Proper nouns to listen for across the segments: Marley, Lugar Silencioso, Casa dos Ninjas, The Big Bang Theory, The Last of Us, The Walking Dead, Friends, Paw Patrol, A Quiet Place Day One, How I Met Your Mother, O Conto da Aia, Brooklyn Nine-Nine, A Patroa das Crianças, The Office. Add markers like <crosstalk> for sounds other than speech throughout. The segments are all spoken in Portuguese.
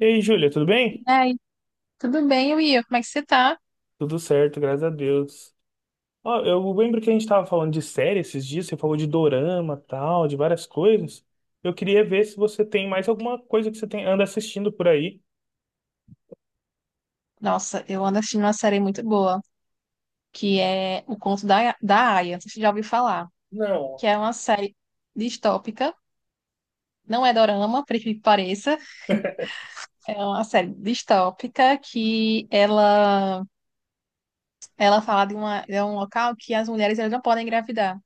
E aí, Júlia, tudo bem? E aí, tudo bem, Will? Como é que você tá? Tudo certo, graças a Deus. Ó, eu lembro que a gente estava falando de série esses dias, você falou de dorama, tal, de várias coisas. Eu queria ver se você tem mais alguma coisa que você tem, anda assistindo por aí. Nossa, eu ando assistindo uma série muito boa, que é O Conto da Aia. Você já ouviu falar? Não, Que é uma série distópica, não é dorama, por incrível que pareça. <laughs> É uma série distópica que ela fala de, uma, de um local que as mulheres elas não podem engravidar.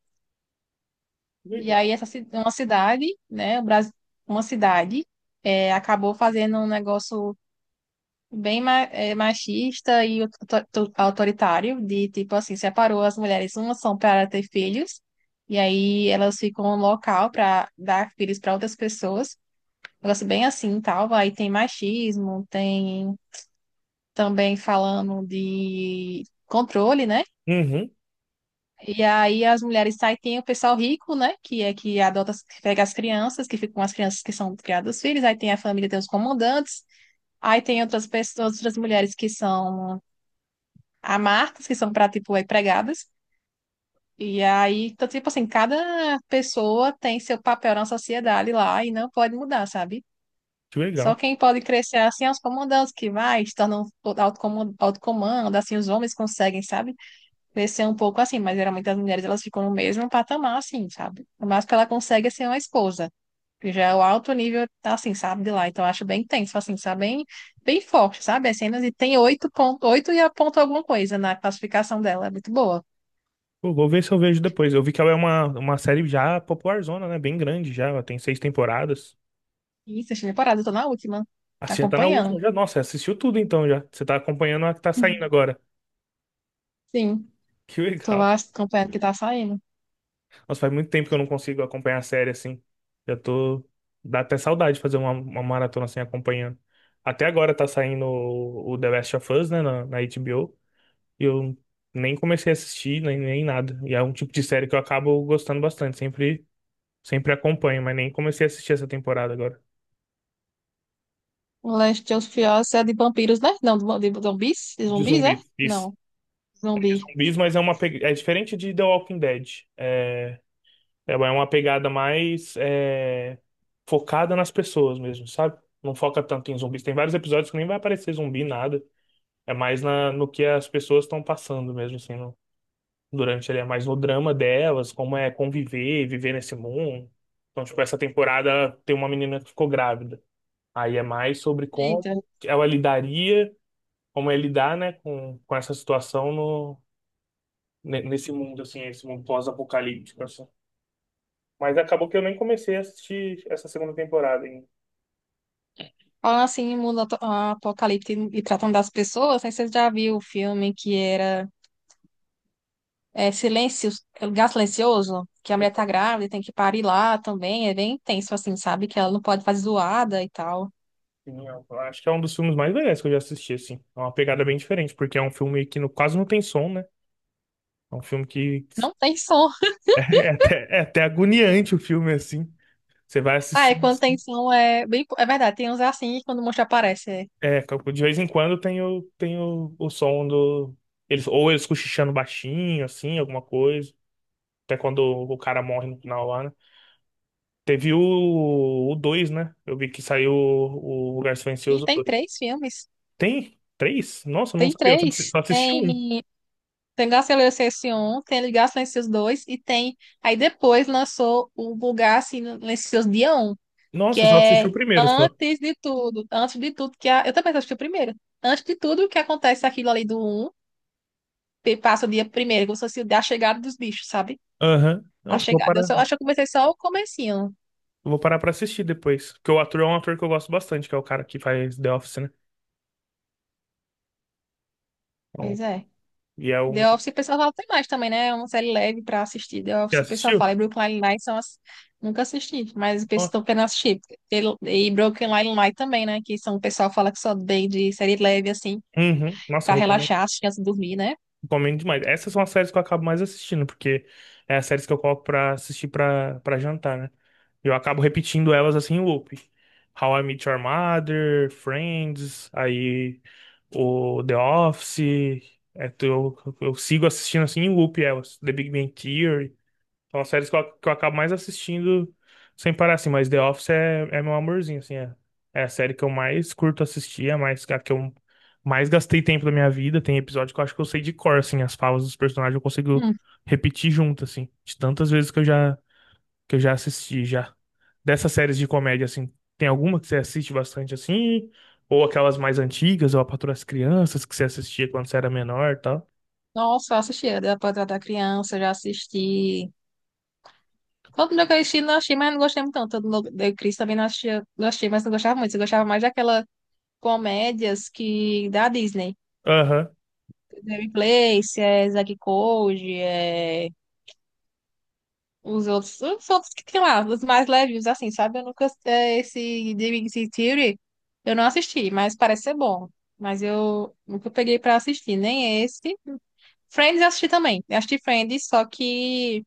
E aí, legal. Uma cidade, né, o Brasil, uma cidade, acabou fazendo um negócio bem machista e autoritário, de tipo assim, separou as mulheres, umas são para ter filhos, e aí elas ficam no local para dar filhos para outras pessoas. Um negócio bem assim, tal, aí tem machismo, tem também falando de controle, né? Uhum, E aí as mulheres saem, tem o pessoal rico, né? Que é que adota, que pega as crianças, que ficam com as crianças que são criadas os filhos, aí tem a família, tem os comandantes, aí tem outras pessoas, outras mulheres que são há marcas que são para, tipo, aí pregadas. E aí, então, tipo assim, cada pessoa tem seu papel na sociedade lá e não pode mudar, sabe? que Só legal. quem pode crescer assim é os comandantes que vai, se tornam autocomando, autocomando, assim, os homens conseguem, sabe? Crescer um pouco assim, mas geralmente as mulheres elas ficam no mesmo patamar, assim, sabe? O máximo que ela consegue é ser uma esposa, que já é o alto nível, assim, sabe, de lá. Então, eu acho bem intenso, assim, sabe? Bem, bem forte, sabe? As cenas e tem oito ponto, oito e a ponto alguma coisa na classificação dela, é muito boa. Pô, vou ver se eu vejo depois. Eu vi que ela é uma série já popularzona, né? Bem grande já, ela tem seis temporadas. Isso, eu cheguei parada, eu tô na última. Ah, Tá você já tá na última acompanhando. já. Nossa, assistiu tudo então já. Você tá acompanhando a que tá saindo <laughs> agora. Sim, Que tô legal. as- acompanhando o que tá saindo. Nossa, faz muito tempo que eu não consigo acompanhar a série assim. Já tô. Dá até saudade de fazer uma maratona assim acompanhando. Até agora tá saindo o The Last of Us, né, na HBO. E eu nem comecei a assistir, nem, nem nada. E é um tipo de série que eu acabo gostando bastante. Sempre, sempre acompanho, mas nem comecei a assistir essa temporada agora. O Last of Us é de vampiros, né? Não, de zumbis? De De zumbis, é? zumbis. Isso. Não, zumbi. Zumbis, mas é uma. É diferente de The Walking Dead. É, ela é uma pegada mais focada nas pessoas mesmo, sabe? Não foca tanto em zumbis. Tem vários episódios que nem vai aparecer zumbi, nada. É mais na, no que as pessoas estão passando mesmo, assim, durante ele. É mais no drama delas, como é conviver, viver nesse mundo. Então, tipo, essa temporada tem uma menina que ficou grávida. Aí é mais sobre Eita. como ela lidaria, como é lidar, né, com essa situação no, nesse mundo, assim, esse mundo pós-apocalíptico, assim. Mas acabou que eu nem comecei a assistir essa segunda temporada ainda. Falam assim, em apocalipse e tratando das pessoas, não sei se você já viu o filme que era Silêncio, Lugar Silencioso, que a mulher tá grávida e tem que parir lá também, é bem intenso assim, sabe? Que ela não pode fazer zoada e tal. Sim, eu acho que é um dos filmes mais legais que eu já assisti, assim. É uma pegada bem diferente, porque é um filme que quase não tem som, né? É um filme que Não tem som. <laughs> É até agoniante o filme, assim. Você vai Ah, é assistindo. quando tem Assim. som, é bem... É verdade, tem uns é assim, quando o monstro aparece, é. É, de vez em quando tem o som do. Eles, ou eles cochichando baixinho, assim, alguma coisa. Até quando o cara morre no final lá, né? Teve o 2, né? Eu vi que saiu o Lugar E Silencioso. tem três filmes. Tem três? Nossa, eu não Tem sabia. Eu só três. só assisti um. Tem, tem Garcilaso 1, tem Ligar Silencioso 2 e tem. Aí depois lançou o Vulgar Silencioso Dia um que Nossa, eu só assisti o é primeiro só. antes de tudo. Antes de tudo, que é a, eu também assisti o primeiro. Antes de tudo, o que acontece aquilo ali do um que passa o dia primeiro, como se fosse o dia- a chegada dos bichos, sabe? Aham. A Nossa, eu vou chegada. Eu parar, só eu acho que eu comecei só o comecinho. vou parar pra assistir depois. Porque o ator é um ator que eu gosto bastante, que é o cara que faz The Office, né? Então, Pois é. e é um. The Office, o pessoal fala, tem mais também, né? É uma série leve pra assistir. The Já Office, o pessoal fala. assistiu? E Brooklyn Nine-Nine são as... Nunca assisti, mas o pessoal Ó, estão querendo assistir. E Brooklyn Nine-Nine também, né? Que são, o pessoal fala que só bem de série leve, assim, uhum. Nossa, pra eu recomendo. relaxar, assistir antes de dormir, né? Recomendo demais. Essas são as séries que eu acabo mais assistindo, porque é as séries que eu coloco pra assistir pra jantar, né? Eu acabo repetindo elas assim em loop. How I Met Your Mother, Friends, aí o The Office. É, eu sigo assistindo assim em loop elas. The Big Bang Theory. São as séries que eu acabo mais assistindo sem parar assim. Mas The Office é, é meu amorzinho, assim. É, é a série que eu mais curto assistir, é mais, a que eu mais gastei tempo da minha vida. Tem episódio que eu acho que eu sei de cor, assim. As falas dos personagens eu consigo Hum. repetir junto, assim. De tantas vezes que eu já assisti já. Dessas séries de comédia, assim, tem alguma que você assiste bastante assim? Ou aquelas mais antigas, ou A Patroa das Crianças, que você assistia quando você era menor e tal? Nossa, eu assisti. A da Patrulha da Criança, já assisti. Todo mundo que eu assisti, não assisti, mas não gostei muito tanto. Todo mundo da Cris também não assistia, não achei mas não gostava muito. Eu gostava mais daquelas comédias que... da Disney. Aham. Mary Place, é Zack e Cody, é... os outros que tem lá, os mais leves, assim, sabe? Eu nunca, é, esse The Big Bang Theory, eu não assisti, mas parece ser bom. Mas eu nunca peguei pra assistir, nem esse. Friends eu assisti também. Eu assisti Friends, só que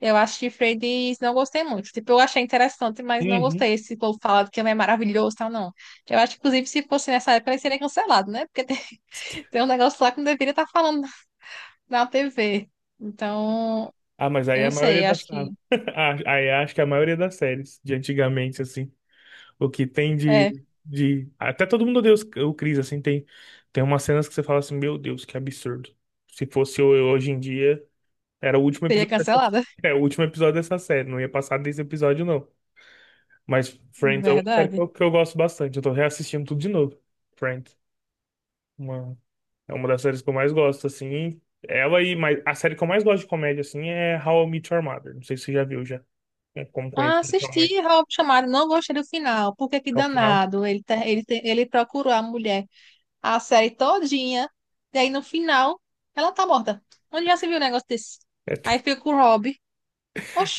eu assisti Friends e não gostei muito. Tipo, eu achei interessante, mas não Uhum. gostei. Esse povo falado que é maravilhoso e tal, não. Eu acho que, inclusive, se fosse nessa época, ele seria cancelado, né? Porque tem, <laughs> tem um negócio lá que não deveria estar falando na TV. Então, Ah, mas aí eu é a não maioria sei, eu acho das. Ah, que, <laughs> ah, aí acho que é a maioria das séries de antigamente, assim, o que tem é, de. De... Até todo mundo odeia o Chris, assim, tem, tem umas cenas que você fala assim, meu Deus, que absurdo. Se fosse eu hoje em dia, era o último seria episódio dessa... cancelado. <laughs> É, o último episódio dessa série, não ia passar desse episódio, não. Mas Friends é uma série que Verdade. eu gosto bastante. Eu tô reassistindo tudo de novo. Friends. Uma, é uma das séries que eu mais gosto, assim. Ela e mas a série que eu mais gosto de comédia, assim, é How I Met Your Mother. Não sei se você já viu já. É Como Ah, conhecer sua mãe assisti Rob Chamado, não gostei do final, porque que ao final. danado. Ele, tá ele, te- Ele procurou a mulher a série todinha, e aí no final ela tá morta. Onde já se viu um negócio desse? É, <laughs> Aí fica com o Rob.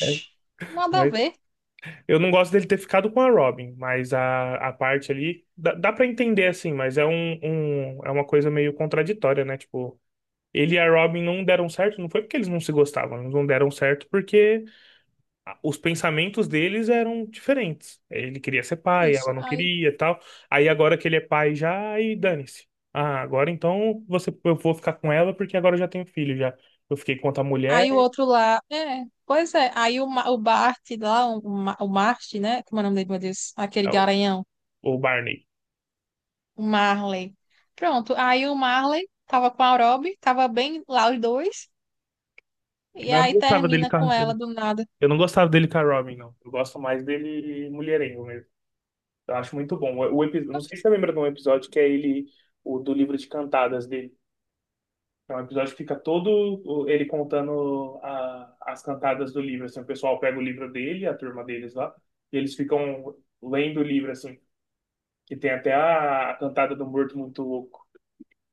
é, nada a mas ver. eu não gosto dele ter ficado com a Robin, mas a parte ali dá, dá para entender assim, mas é é uma coisa meio contraditória, né? Tipo, ele e a Robin não deram certo, não foi porque eles não se gostavam, eles não deram certo porque os pensamentos deles eram diferentes. Ele queria ser pai, ela Isso. não Aí, queria, e tal. Aí agora que ele é pai já, aí dane-se. Ah, agora então você, eu vou ficar com ela porque agora eu já tenho filho já. Eu fiquei com outra mulher, aí o outro lá, é, pois é. Aí o, Ma- o Bart lá, o, Ma- o Mart, né? Como é o nome dele, meu Deus? Aquele é, o garanhão, o Barney. o Marley. Pronto, aí o Marley tava com a Rob, tava bem lá os dois. E Mas eu não aí gostava dele termina com com a- eu ela não do nada. eu não gostava dele com a Robin, não. Eu gosto mais dele mulherengo mesmo. Eu acho muito bom. O, episódio, não sei se você lembra de um episódio que é ele, o do livro de cantadas dele. É um episódio que fica todo ele contando as cantadas do livro, assim, o pessoal pega o livro dele, a turma deles lá, e eles ficam lendo o livro, assim, que tem até a cantada do Morto Muito Louco.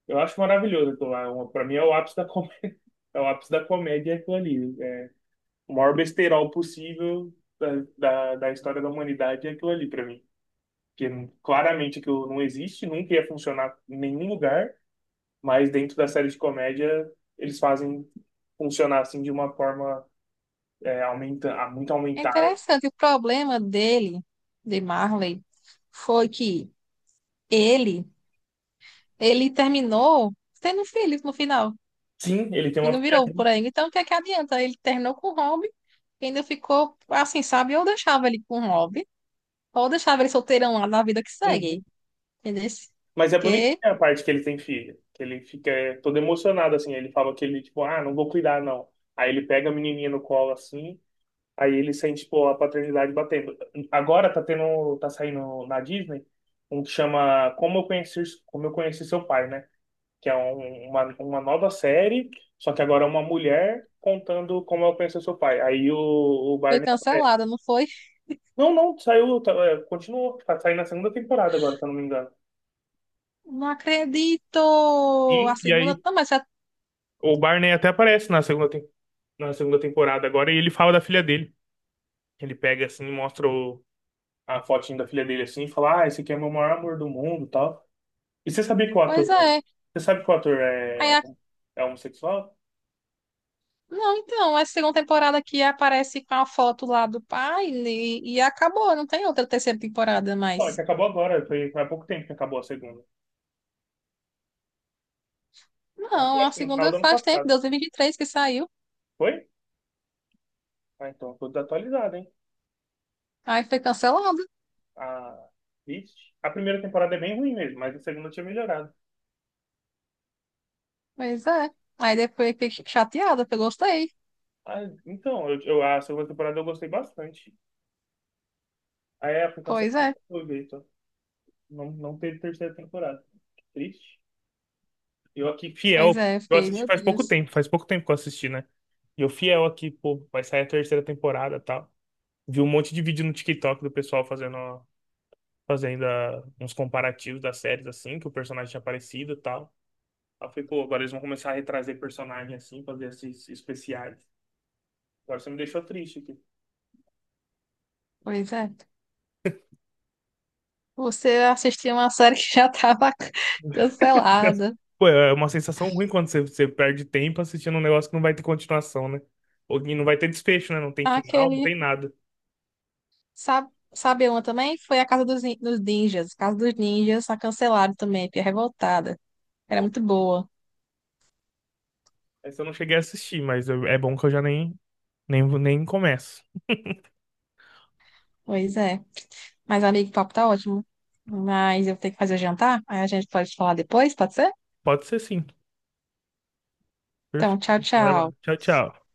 Eu acho maravilhoso, aquilo lá, uma- pra mim é o ápice da comédia, <laughs> é o ápice da comédia aquilo ali, é o maior besterol possível da história da humanidade é aquilo ali pra mim, porque claramente aquilo não existe, nunca ia funcionar em nenhum lugar, mas dentro da série de comédia eles fazem funcionar assim de uma forma aumenta, ah, muito É aumentada. interessante, o problema dele, de Marley, foi que ele, ele terminou tendo filhos no final. Sim, ele tem E uma não filha. virou por aí. Então, o que é que adianta? Ele terminou com o Rob, e ainda ficou assim, sabe? Ou deixava ele com o Rob, ou deixava ele solteirão lá na vida que Uhum. segue. Entendeu? Mas é Que bonitinha a parte que ele tem filha, que ele fica todo emocionado assim, ele fala que ele tipo, ah, não vou cuidar não. Aí ele pega a menininha no colo assim, aí ele sente tipo a paternidade batendo. Agora tá tendo, tá saindo na Disney um que chama como eu conheci seu pai, né? que é uma nova série, só que agora é uma mulher contando como ela conheceu seu pai. Aí o foi Barney. É, cancelada, não foi? não, não, saiu, tá, é, continuou, tá saindo na segunda temporada agora, se eu não me engano. Não acredito! A E segunda aí também já. o Barney até aparece na segunda, na segunda temporada agora e ele fala da filha dele. Ele pega assim, mostra a fotinho da filha dele assim e fala: Ah, esse aqui é meu maior amor do mundo e tal. E você sabia que o ator. Pois é. Você sabe que o ator Aí é, é homossexual? Não, então, essa segunda temporada aqui aparece com a foto lá do pai e acabou, não tem outra terceira temporada Ó, é que mais. acabou agora, foi, foi há pouco tempo que acabou a segunda. Nossa, Não, a acho que no final segunda do ano faz tempo, passado. 2023 que saiu. Foi? Ah, então, tudo atualizado, hein? Aí foi cancelada. A... Vixe. A primeira temporada é bem ruim mesmo, mas a segunda tinha melhorado. Pois é. Aí depois fiquei chateada, porque eu gostei. Ah, então, a segunda temporada eu gostei bastante. Aí a aplicação Pois é, foi Vitor. Não, não teve terceira temporada. Que triste. Eu aqui, pois fiel. é, Eu fiquei, assisti meu Deus. Faz pouco tempo que eu assisti, né? E eu fiel aqui, pô, vai sair a terceira temporada e tal. Vi um monte de vídeo no TikTok do pessoal fazendo, fazendo ah, uns comparativos das séries, assim, que o personagem tinha aparecido e tal. Aí eu falei, pô, agora eles vão começar a retrazer personagem assim, fazer esses especiais. Agora você me deixou triste aqui. Pois é. Você assistiu uma série <laughs> que já estava <laughs> <laughs> cancelada. Pô, é uma sensação ruim quando você, você perde tempo assistindo um negócio que não vai ter continuação, né? Ou que não vai ter desfecho, né? Não tem final, não Aquele, tem nada. sabe, sabe uma também? Foi a Casa dos, dos Ninjas. Casa dos Ninjas, a cancelada também, fiquei revoltada. Era Nossa, muito boa. essa eu não cheguei a assistir, mas eu- é bom que eu já nem, nem, nem começo. Pois é. Mas, amigo, o papo tá ótimo. Mas eu tenho que fazer o jantar. Aí a gente pode falar depois, pode ser? Pode ser sim. Então, Perfeito. tchau, Vai lá. tchau. Tchau, tchau.